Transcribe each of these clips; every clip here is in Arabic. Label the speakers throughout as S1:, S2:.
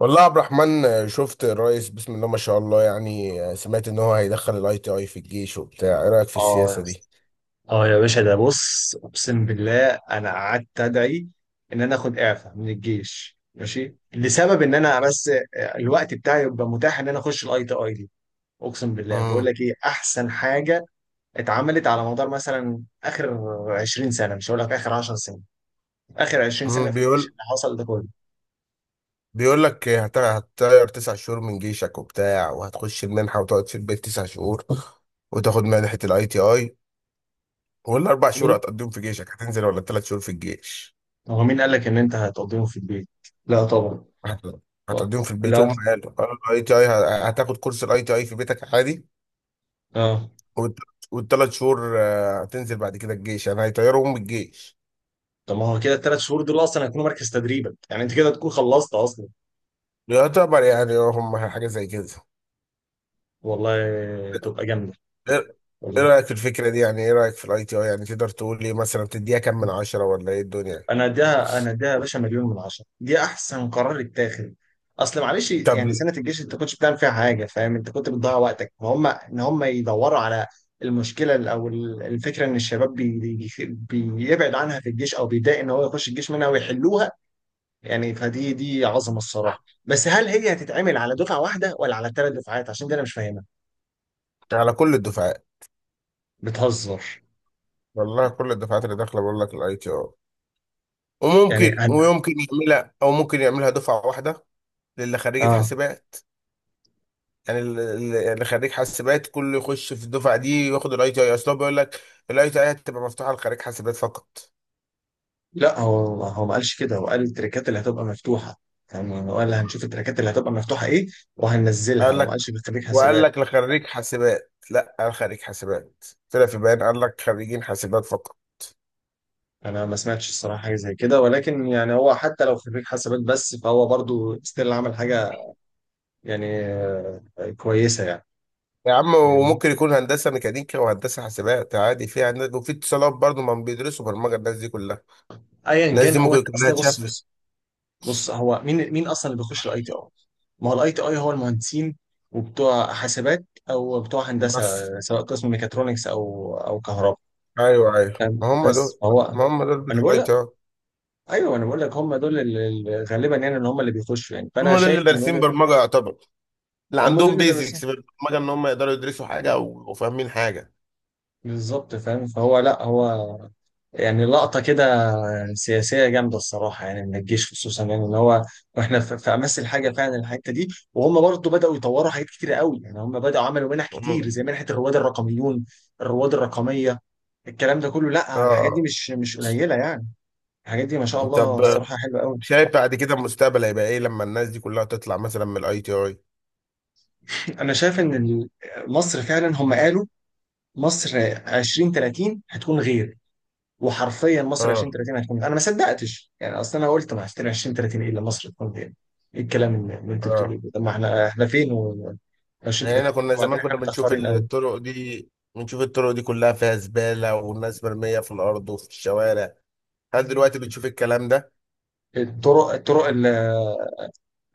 S1: والله يا عبد الرحمن، شفت الرئيس؟ بسم الله ما شاء الله. يعني سمعت ان هو هيدخل الاي تي اي في الجيش وبتاع. ايه رايك في
S2: اه يا
S1: السياسه دي؟
S2: اسطى، اه يا باشا، ده بص، اقسم بالله انا قعدت ادعي ان انا اخد اعفاء من الجيش، ماشي، لسبب ان انا بس الوقت بتاعي يبقى متاح ان انا اخش الاي تي اي دي. اقسم بالله، بقول
S1: امم
S2: لك ايه احسن حاجه اتعملت على مدار مثلا اخر 20 سنه. مش هقول لك اخر 10 سنين، اخر 20 سنه
S1: أمم،
S2: في الجيش
S1: بيقول
S2: اللي حصل ده كله.
S1: بيقول لك هتطير تسع شهور من جيشك وبتاع، وهتخش المنحه وتقعد في البيت تسع شهور وتاخد منحه الاي تي اي. والاربع شهور
S2: مين؟
S1: هتقضيهم في جيشك، هتنزل؟ ولا الثلاث شهور في الجيش؟
S2: هو مين قال لك ان انت هتقضيهم في البيت؟ لا طبعا.
S1: هت-
S2: آه.
S1: هتقضيهم في البيت.
S2: لا.
S1: هم قالوا الاي تي اي. هتاخد كورس الاي تي اي في بيتك عادي.
S2: اه،
S1: والثلاث شهور هتنزل بعد كده الجيش. يعني هيطيروا من الجيش
S2: طب ما هو كده الثلاث شهور دول اصلا هيكونوا مركز تدريبك، يعني انت كده تكون خلصت اصلا.
S1: يعتبر، يعني هم حاجة زي كده.
S2: والله تبقى جامدة.
S1: ايه؟ إيه
S2: والله
S1: رأيك في الفكرة دي؟ يعني ايه رأيك في الاي تي اي؟ يعني تقدر تقول لي مثلا تديها كام من عشرة ولا ايه الدنيا؟
S2: انا اديها، انا اديها يا باشا مليون من عشرة، دي احسن قرار اتاخد. اصل معلش
S1: طب
S2: يعني سنة الجيش انت كنتش بتعمل فيها حاجة، فاهم؟ انت كنت بتضيع وقتك، فهم ان هم يدوروا على المشكلة، او الفكرة ان الشباب بيبعد عنها في الجيش، او بيضايق ان هو يخش الجيش منها ويحلوها. يعني فدي عظمة الصراحة. بس هل هي هتتعمل على دفعة واحدة ولا على ثلاث دفعات؟ عشان دي انا مش فاهمها.
S1: على كل الدفعات.
S2: بتهزر؟
S1: والله كل الدفعات اللي داخلة بقول لك الاي تي اي،
S2: يعني
S1: وممكن
S2: انا
S1: ويمكن يعملها، او ممكن يعملها دفعة واحدة للي خريجة
S2: اه،
S1: حاسبات. يعني اللي خريج حاسبات كله يخش في الدفعة دي وياخد الاي تي اي، اصل هو بيقول لك الاي تي اي هتبقى مفتوحة لخريج حاسبات فقط.
S2: لا، هو ما قالش كده، هو قال التريكات اللي هتبقى مفتوحه. يعني هو قال هنشوف التريكات اللي هتبقى مفتوحه ايه وهننزلها،
S1: قال
S2: هو ما
S1: لك،
S2: قالش في خريج
S1: وقال
S2: حاسبات.
S1: لك لخريج حاسبات. لا، قال خريج حاسبات. طلع في بيان قال لك خريجين حاسبات فقط.
S2: انا ما سمعتش الصراحه حاجه زي كده، ولكن يعني هو حتى لو خريج حاسبات بس، فهو برضو ستيل عمل حاجه يعني كويسه يعني.
S1: يا عم
S2: فاهمني؟
S1: وممكن يكون هندسه ميكانيكا وهندسه حاسبات عادي، في هندسة وفي اتصالات برضه، ما بيدرسوا برمجه الناس دي كلها؟
S2: ايا
S1: الناس
S2: كان،
S1: دي
S2: هو
S1: ممكن كلها
S2: اصل بص،
S1: اتشافت.
S2: بص هو مين اصلا اللي بيخش الاي تي اي؟ ما هو الاي تي اي هو المهندسين وبتوع حاسبات، او بتوع هندسه
S1: بس
S2: سواء قسم ميكاترونكس او كهرباء.
S1: ايوه ايوه، ما
S2: تمام؟
S1: هم
S2: بس
S1: دول.
S2: هو
S1: ما هم دول
S2: انا
S1: بتوع.
S2: بقول،
S1: اه.
S2: ايوه انا بقول لك هم دول اللي غالبا يعني اللي هم اللي بيخشوا، يعني
S1: هم
S2: فانا
S1: دول
S2: شايف
S1: اللي
S2: من
S1: دارسين
S2: وجهه.
S1: برمجه يعتبر، اللي
S2: هم دول
S1: عندهم
S2: اللي درسوها
S1: بيزكس بالبرمجه ان هم يقدروا يدرسوا حاجه وفاهمين حاجه.
S2: بالظبط، فاهم؟ فهو لا هو يعني لقطه كده سياسيه جامده الصراحه، يعني من الجيش خصوصا، يعني ان هو واحنا في امس الحاجه فعلا الحته دي. وهم برضه بداوا يطوروا حاجات كتير قوي، يعني هم بداوا عملوا منح كتير
S1: مم.
S2: زي منحه الرواد الرقميون، الرواد الرقميه. الكلام ده كله، لا، الحاجات دي
S1: اه.
S2: مش قليله يعني. الحاجات دي ما شاء الله
S1: طب
S2: الصراحه حلوه قوي.
S1: شايف بعد كده المستقبل هيبقى ايه لما الناس دي كلها تطلع مثلا من الاي تي اي؟
S2: انا شايف ان مصر فعلا هم قالوا مصر 2030 هتكون غير، وحرفيا مصر
S1: اه
S2: 2030 هتكون. انا ما صدقتش يعني، اصل انا قلت ما 2030 ايه اللي مصر تكون غير؟ ايه الكلام اللي انت بتقوله
S1: اه.
S2: ده؟ طب ما احنا، احنا فين و
S1: يعني
S2: 2030
S1: احنا كنا
S2: وبعدين
S1: زمان كنا
S2: احنا
S1: بنشوف
S2: متاخرين قوي.
S1: الطرق دي، بنشوف الطرق دي كلها فيها زبالة والناس مرمية في الارض وفي الشوارع. هل دلوقتي بتشوف الكلام ده؟
S2: الطرق،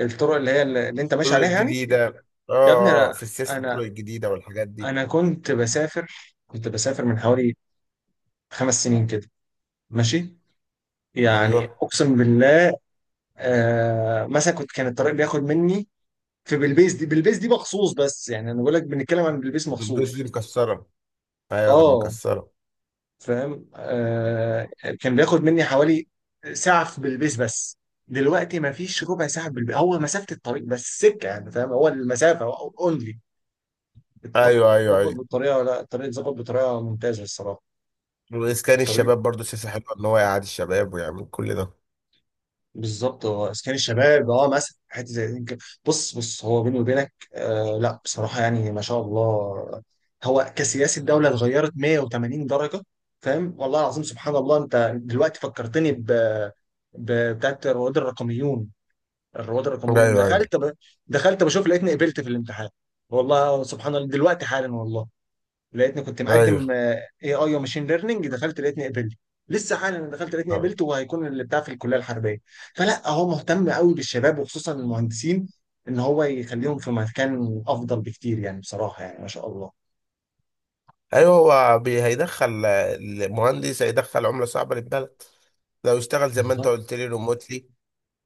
S2: الطرق اللي هي اللي انت ماشي
S1: الطرق
S2: عليها يعني، يا
S1: الجديدة اه
S2: يا ابني
S1: اه
S2: انا،
S1: في السياسة، الطرق
S2: انا
S1: الجديدة والحاجات دي.
S2: انا كنت بسافر، كنت بسافر من حوالي خمس سنين كده، ماشي، يعني
S1: ايوه.
S2: اقسم بالله، آه. مثلا كنت، كان الطريق بياخد مني في بلبيس، دي بلبيس دي مخصوص، بس يعني انا بقول لك بنتكلم عن بلبيس
S1: البلدوز دي
S2: مخصوص.
S1: مكسرة، ايوه كانت
S2: اه،
S1: مكسرة.
S2: فاهم. آه، كان بياخد مني حوالي ساعة في بلبيس بس، دلوقتي ما فيش ربع ساعة في بلبيس. هو مسافة الطريق بس سكة، يعني فاهم، هو المسافة اونلي الطريق
S1: ايوه ايوه
S2: اتظبط
S1: ايوه.
S2: بالطريقة، لا الطريق اتظبط بطريقة ممتازة الصراحة.
S1: واسكان
S2: الطريق
S1: الشباب برضو سياسة حلوة، ان هو يقعد الشباب ويعمل كل ده.
S2: بالظبط، هو اسكان الشباب اه مثلا، حته زي دي كده. بص هو بيني وبينك آه، لا بصراحه يعني ما شاء الله، هو كسياسه الدوله اتغيرت 180 درجه. فاهم؟ والله العظيم سبحان الله. انت دلوقتي فكرتني بتاعت رواد الرقميون. الرواد الرقميون،
S1: ايوه ايوه
S2: دخلت ب... دخلت بشوف لقيتني قبلت في الامتحان. والله سبحان الله، دلوقتي حالا والله، لقيتني كنت
S1: ايوه
S2: مقدم اي اي وماشين ليرنينج، دخلت لقيتني قبلت. لسه حالا دخلت لقيتني قبلت، وهيكون اللي بتاع في الكليه الحربيه. فلا، هو مهتم قوي بالشباب وخصوصا المهندسين، ان هو يخليهم في مكان افضل بكتير، يعني بصراحه، يعني ما شاء الله.
S1: ايوه. هو هيدخل المهندس، هيدخل عمله صعبه للبلد لو اشتغل زي ما انت
S2: بالظبط.
S1: قلت لي ريموتلي،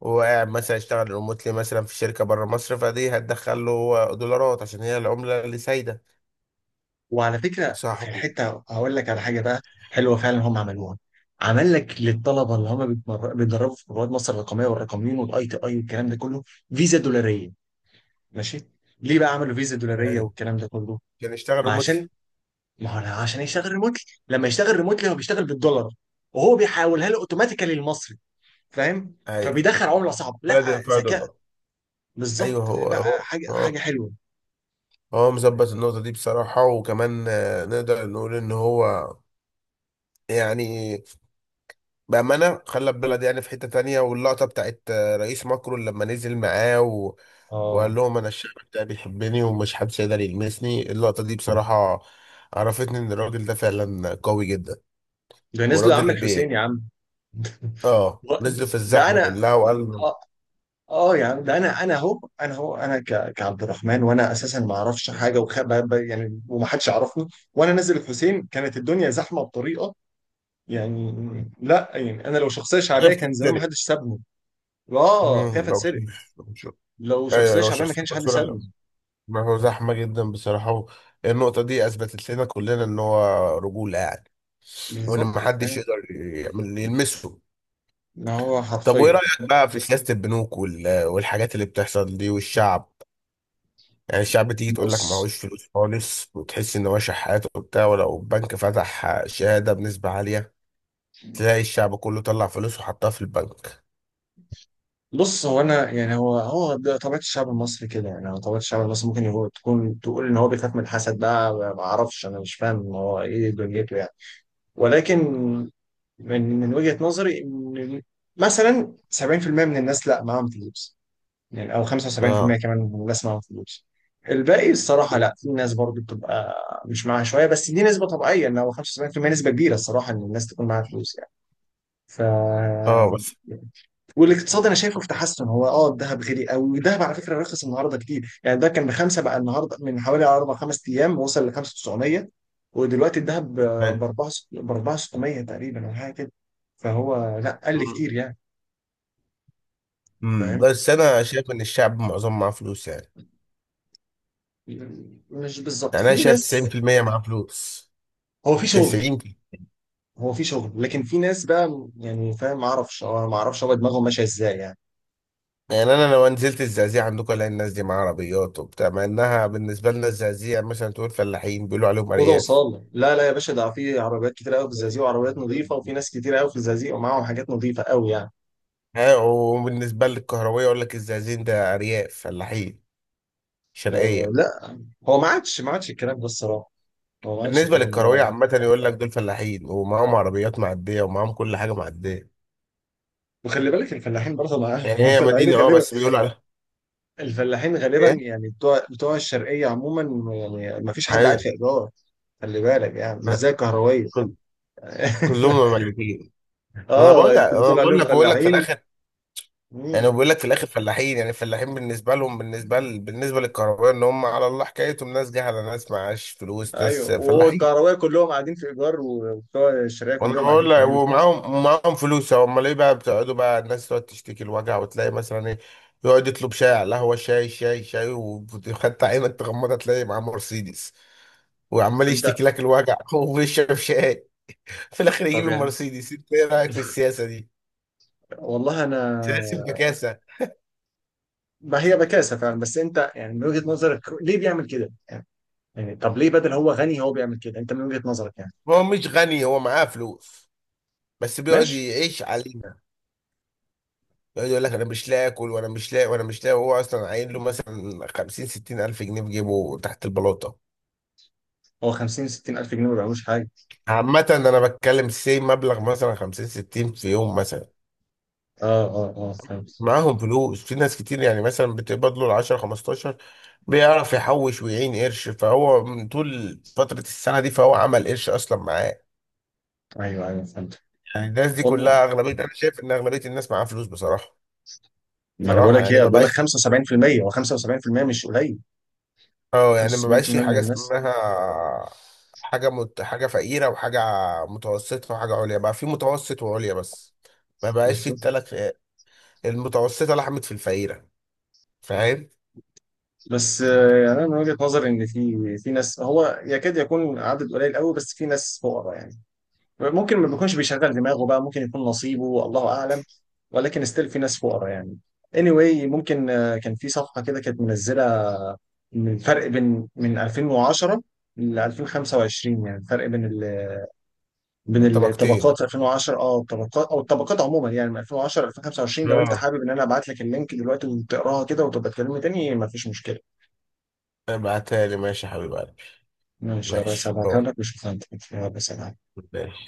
S1: وقاعد مثلا يشتغل ريموتلي مثلا في شركه بره مصر، فدي هتدخل له دولارات عشان هي العمله اللي سايده.
S2: وعلى فكره
S1: صح.
S2: في الحته هقول لك على حاجه بقى حلوه فعلا هم عملوها. عمل لك للطلبه اللي هم بيتدربوا في رواد مصر الرقميه والرقميين والاي تي اي والكلام ده كله، فيزا دولاريه. ماشي. ليه بقى عملوا فيزا دولاريه
S1: ايوه،
S2: والكلام ده كله؟
S1: عشان يشتغل
S2: ما
S1: ريموتلي.
S2: عشان، ما هو لا، عشان يشتغل ريموتلي. لما يشتغل ريموتلي هو بيشتغل بالدولار، وهو بيحولها له اوتوماتيكالي المصري، فاهم؟
S1: ايوه،
S2: فبيدخل عمله صعبه، لا
S1: ولا دي فيها
S2: ذكاء.
S1: دولار. ايوه
S2: بالظبط،
S1: هو
S2: لا
S1: هو
S2: حاجه، حاجه
S1: هو.
S2: حلوه.
S1: هو
S2: فاهم؟
S1: مظبط النقطه دي بصراحه. وكمان نقدر نقول ان هو يعني بأمانة خلى البلد يعني في حتة تانية. واللقطة بتاعت رئيس ماكرون لما نزل معاه و... وقال
S2: اه،
S1: لهم أنا الشعب بتاعي بيحبني ومش محدش يقدر يلمسني. اللقطة دي بصراحة عرفتني إن الراجل ده فعلا قوي جدا.
S2: ده نزلوا يا عم
S1: وراجل
S2: الحسين، يا عم
S1: آه نزل في
S2: ده
S1: الزحمة
S2: انا،
S1: كلها وقال
S2: اه. آه يا عم، ده انا، انا اهو انا كعبد الرحمن، وانا اساسا ما اعرفش حاجه، وخ... يعني ومحدش يعرفني، وانا نازل الحسين كانت الدنيا زحمه بطريقه، يعني لا، يعني انا لو شخصيه
S1: حاجة
S2: شعبيه كان زمان ما
S1: بتتسرق.
S2: حدش سابني. اه خايف
S1: لو
S2: اتسرق.
S1: لو
S2: لو
S1: أيوه
S2: شخصية
S1: لو
S2: شعبية ما
S1: شخصية
S2: كانش حد سابه.
S1: مكسورة. ما هو زحمة جدا بصراحة. النقطة دي أثبتت لنا كلنا إن هو رجولة يعني.
S2: امم،
S1: وإن
S2: بالظبط
S1: محدش
S2: فاهم،
S1: يقدر يلمسه.
S2: اللي هو
S1: طب وايه
S2: حرفيا.
S1: رأيك بقى في سياسة البنوك والحاجات اللي بتحصل دي والشعب؟ يعني الشعب تيجي تقول لك
S2: بص
S1: معهوش فلوس خالص، وتحس ان هو شحات وبتاع. ولو البنك فتح شهادة بنسبة عالية تلاقي الشعب كله طلع فلوس وحطها في البنك.
S2: بص هو انا يعني، هو ده طبيعة الشعب المصري كده، يعني هو طبيعة الشعب المصري، ممكن هو تكون تقول ان هو بيخاف من الحسد بقى، ما اعرفش انا، مش فاهم هو ايه دنيته يعني. ولكن من وجهة نظري ان مثلا 70% من الناس لا معاهم فلوس، يعني او 75%
S1: اه
S2: كمان من الناس معاهم فلوس. الباقي الصراحه، لا، في ناس برضو بتبقى مش معاها شويه، بس دي نسبه طبيعيه ان هو 75% نسبه كبيره الصراحه، ان الناس تكون معاها فلوس يعني. ف،
S1: اه بس.
S2: والاقتصاد انا شايفه في تحسن. هو اه، الذهب غالي قوي، والذهب على فكره رخص النهارده كتير، يعني ده كان بخمسه بقى النهارده، من حوالي اربع خمس ايام وصل ل 5900، ودلوقتي الذهب ب
S1: أيوة.
S2: 4 ب 4600 تقريبا او حاجه كده، فهو لا قل
S1: مم.
S2: كتير يعني.
S1: مم.
S2: فاهم؟
S1: بس انا شايف ان الشعب معظم معاه فلوس يعني.
S2: مش بالظبط،
S1: يعني انا
S2: في
S1: شايف
S2: ناس
S1: 90% معاه فلوس.
S2: هو في شغل،
S1: 90.
S2: هو في شغل لكن في ناس بقى يعني، فاهم؟ ما اعرفش، أو أنا ما اعرفش هو دماغهم ماشيه ازاي يعني.
S1: يعني انا لو نزلت الزقازيق عندكم الاقي الناس دي معاها عربيات وبتاع، مع انها بالنسبه لنا الزقازيق يعني مثلا تقول فلاحين، بيقولوا عليهم
S2: اوضه
S1: ارياف.
S2: وصاله. لا لا يا باشا، ده في عربيات كتير قوي في الزقازيق، وعربيات نظيفه، وفي ناس كتير قوي في الزقازيق ومعاهم حاجات نظيفه قوي يعني.
S1: ها، وبالنسبة للكهروية يقول لك الزقازيق ده أرياف فلاحين
S2: لا،
S1: شرقية.
S2: لا، هو ما عادش، ما عادش الكلام ده الصراحه. هو ما عادش
S1: بالنسبة
S2: الكلام
S1: للكهروية
S2: ده.
S1: عامة يقول لك دول فلاحين ومعاهم عربيات معدية ومعاهم كل حاجة معدية.
S2: وخلي بالك الفلاحين برضه
S1: يعني هي
S2: الفلاحين
S1: مدينة اه
S2: غالبا،
S1: بس بيقولوا عليها
S2: الفلاحين غالبا
S1: ايه؟
S2: يعني بتوع الشرقيه عموما، يعني ما فيش حد قاعد
S1: أيوة،
S2: في ايجار. خلي بالك يعني مش زي الكهروية
S1: كل- كلهم مملكين. أنا بقول
S2: اه
S1: لك،
S2: انت
S1: أنا
S2: بتقول
S1: بقول
S2: عليهم
S1: لك، بقول لك في
S2: فلاحين.
S1: الآخر، يعني
S2: مم.
S1: بقول لك في الآخر فلاحين. يعني الفلاحين بالنسبة لهم، بالنسبة ل... بالنسبة للكهروية، إن هم على الله حكايتهم ناس جهلة، ناس معاش فلوس، ناس
S2: ايوه، وهو
S1: فلاحين.
S2: الكهربائي كلهم قاعدين في ايجار وبتوع الشركه
S1: وانا
S2: كلهم قاعدين
S1: بقول
S2: في
S1: لك
S2: ملك.
S1: ومعاهم، معاهم فلوس امال ايه بقى؟ بتقعدوا بقى، الناس تقعد تشتكي الوجع وتلاقي مثلا ايه، يقعد يطلب شاي على القهوه، شاي شاي شاي، وخدت عينك تغمضها تلاقي معاه مرسيدس، وعمال
S2: انت؟
S1: يشتكي لك الوجع وبيشرب شاي. في الاخر يجيب
S2: طب يعني
S1: المرسيدس. انت ايه رايك في السياسه دي؟
S2: والله انا،
S1: سياسه البكاسه.
S2: ما هي بكاسه فعلا، بس انت يعني من وجهه نظرك ليه بيعمل كده؟ يعني، يعني طب ليه بدل هو غني هو بيعمل كده؟ انت من وجهه نظرك يعني.
S1: ما هو مش غني، هو معاه فلوس، بس بيقعد
S2: ماشي.
S1: يعيش علينا. يقعد يقول لك انا مش لاقي اكل، وانا مش لاقي وانا مش لاقي، وهو اصلا عاين له مثلا 50 60 الف جنيه في جيبه تحت البلاطه.
S2: هو 50 60 الف جنيه ما بيعملوش حاجه.
S1: عامة أنا بتكلم سي مبلغ مثلا 50 60 في يوم مثلا.
S2: اه اه، فهمت.
S1: معاهم فلوس في ناس كتير، يعني مثلا بتقبض له 10 15، بيعرف يحوش ويعين قرش، فهو من طول فترة السنة دي فهو عمل قرش أصلا معاه.
S2: ايوه ايوه فهمت.
S1: يعني الناس دي
S2: والله،
S1: كلها أغلبية، أنا شايف إن أغلبية الناس معاها فلوس بصراحة.
S2: ما انا بقول
S1: بصراحة
S2: لك
S1: يعني
S2: ايه،
S1: ما
S2: بقول لك
S1: بقاش،
S2: 75%. هو 75% مش قليل،
S1: أه يعني ما بقاش
S2: 75%
S1: في
S2: من
S1: حاجة
S2: الناس
S1: اسمها حاجة حاجة فقيرة وحاجة متوسطة وحاجة عليا، بقى في متوسط وعليا بس. ما بقاش في
S2: بالظبط.
S1: التلات فئات، المتوسطة لحمت في الفقيرة، فاهم؟
S2: بس يعني انا من وجهة نظري ان في ناس، هو يكاد يكون عدد قليل قوي، بس في ناس فقراء يعني. ممكن ما بيكونش بيشغل دماغه بقى، ممكن يكون نصيبه الله اعلم، ولكن ستيل في ناس فقراء يعني. anyway، ممكن كان في صفحة كده كانت منزلة من الفرق بين من 2010 ل 2025، يعني الفرق بين ال... بين
S1: الطبقتين،
S2: الطبقات 2010، اه، الطبقات او الطبقات عموما، يعني من 2010 ل 2025. لو انت
S1: اه
S2: حابب ان انا ابعت لك اللينك دلوقتي وتقراها كده وتبقى تكلمني تاني، مفيش مشكلة.
S1: ابعتها لي ماشي يا حبيب قلبي.
S2: ماشي، هبقى
S1: ماشي
S2: أسألها
S1: بقول،
S2: لك وأشوف هتكون فيها بس.
S1: ماشي.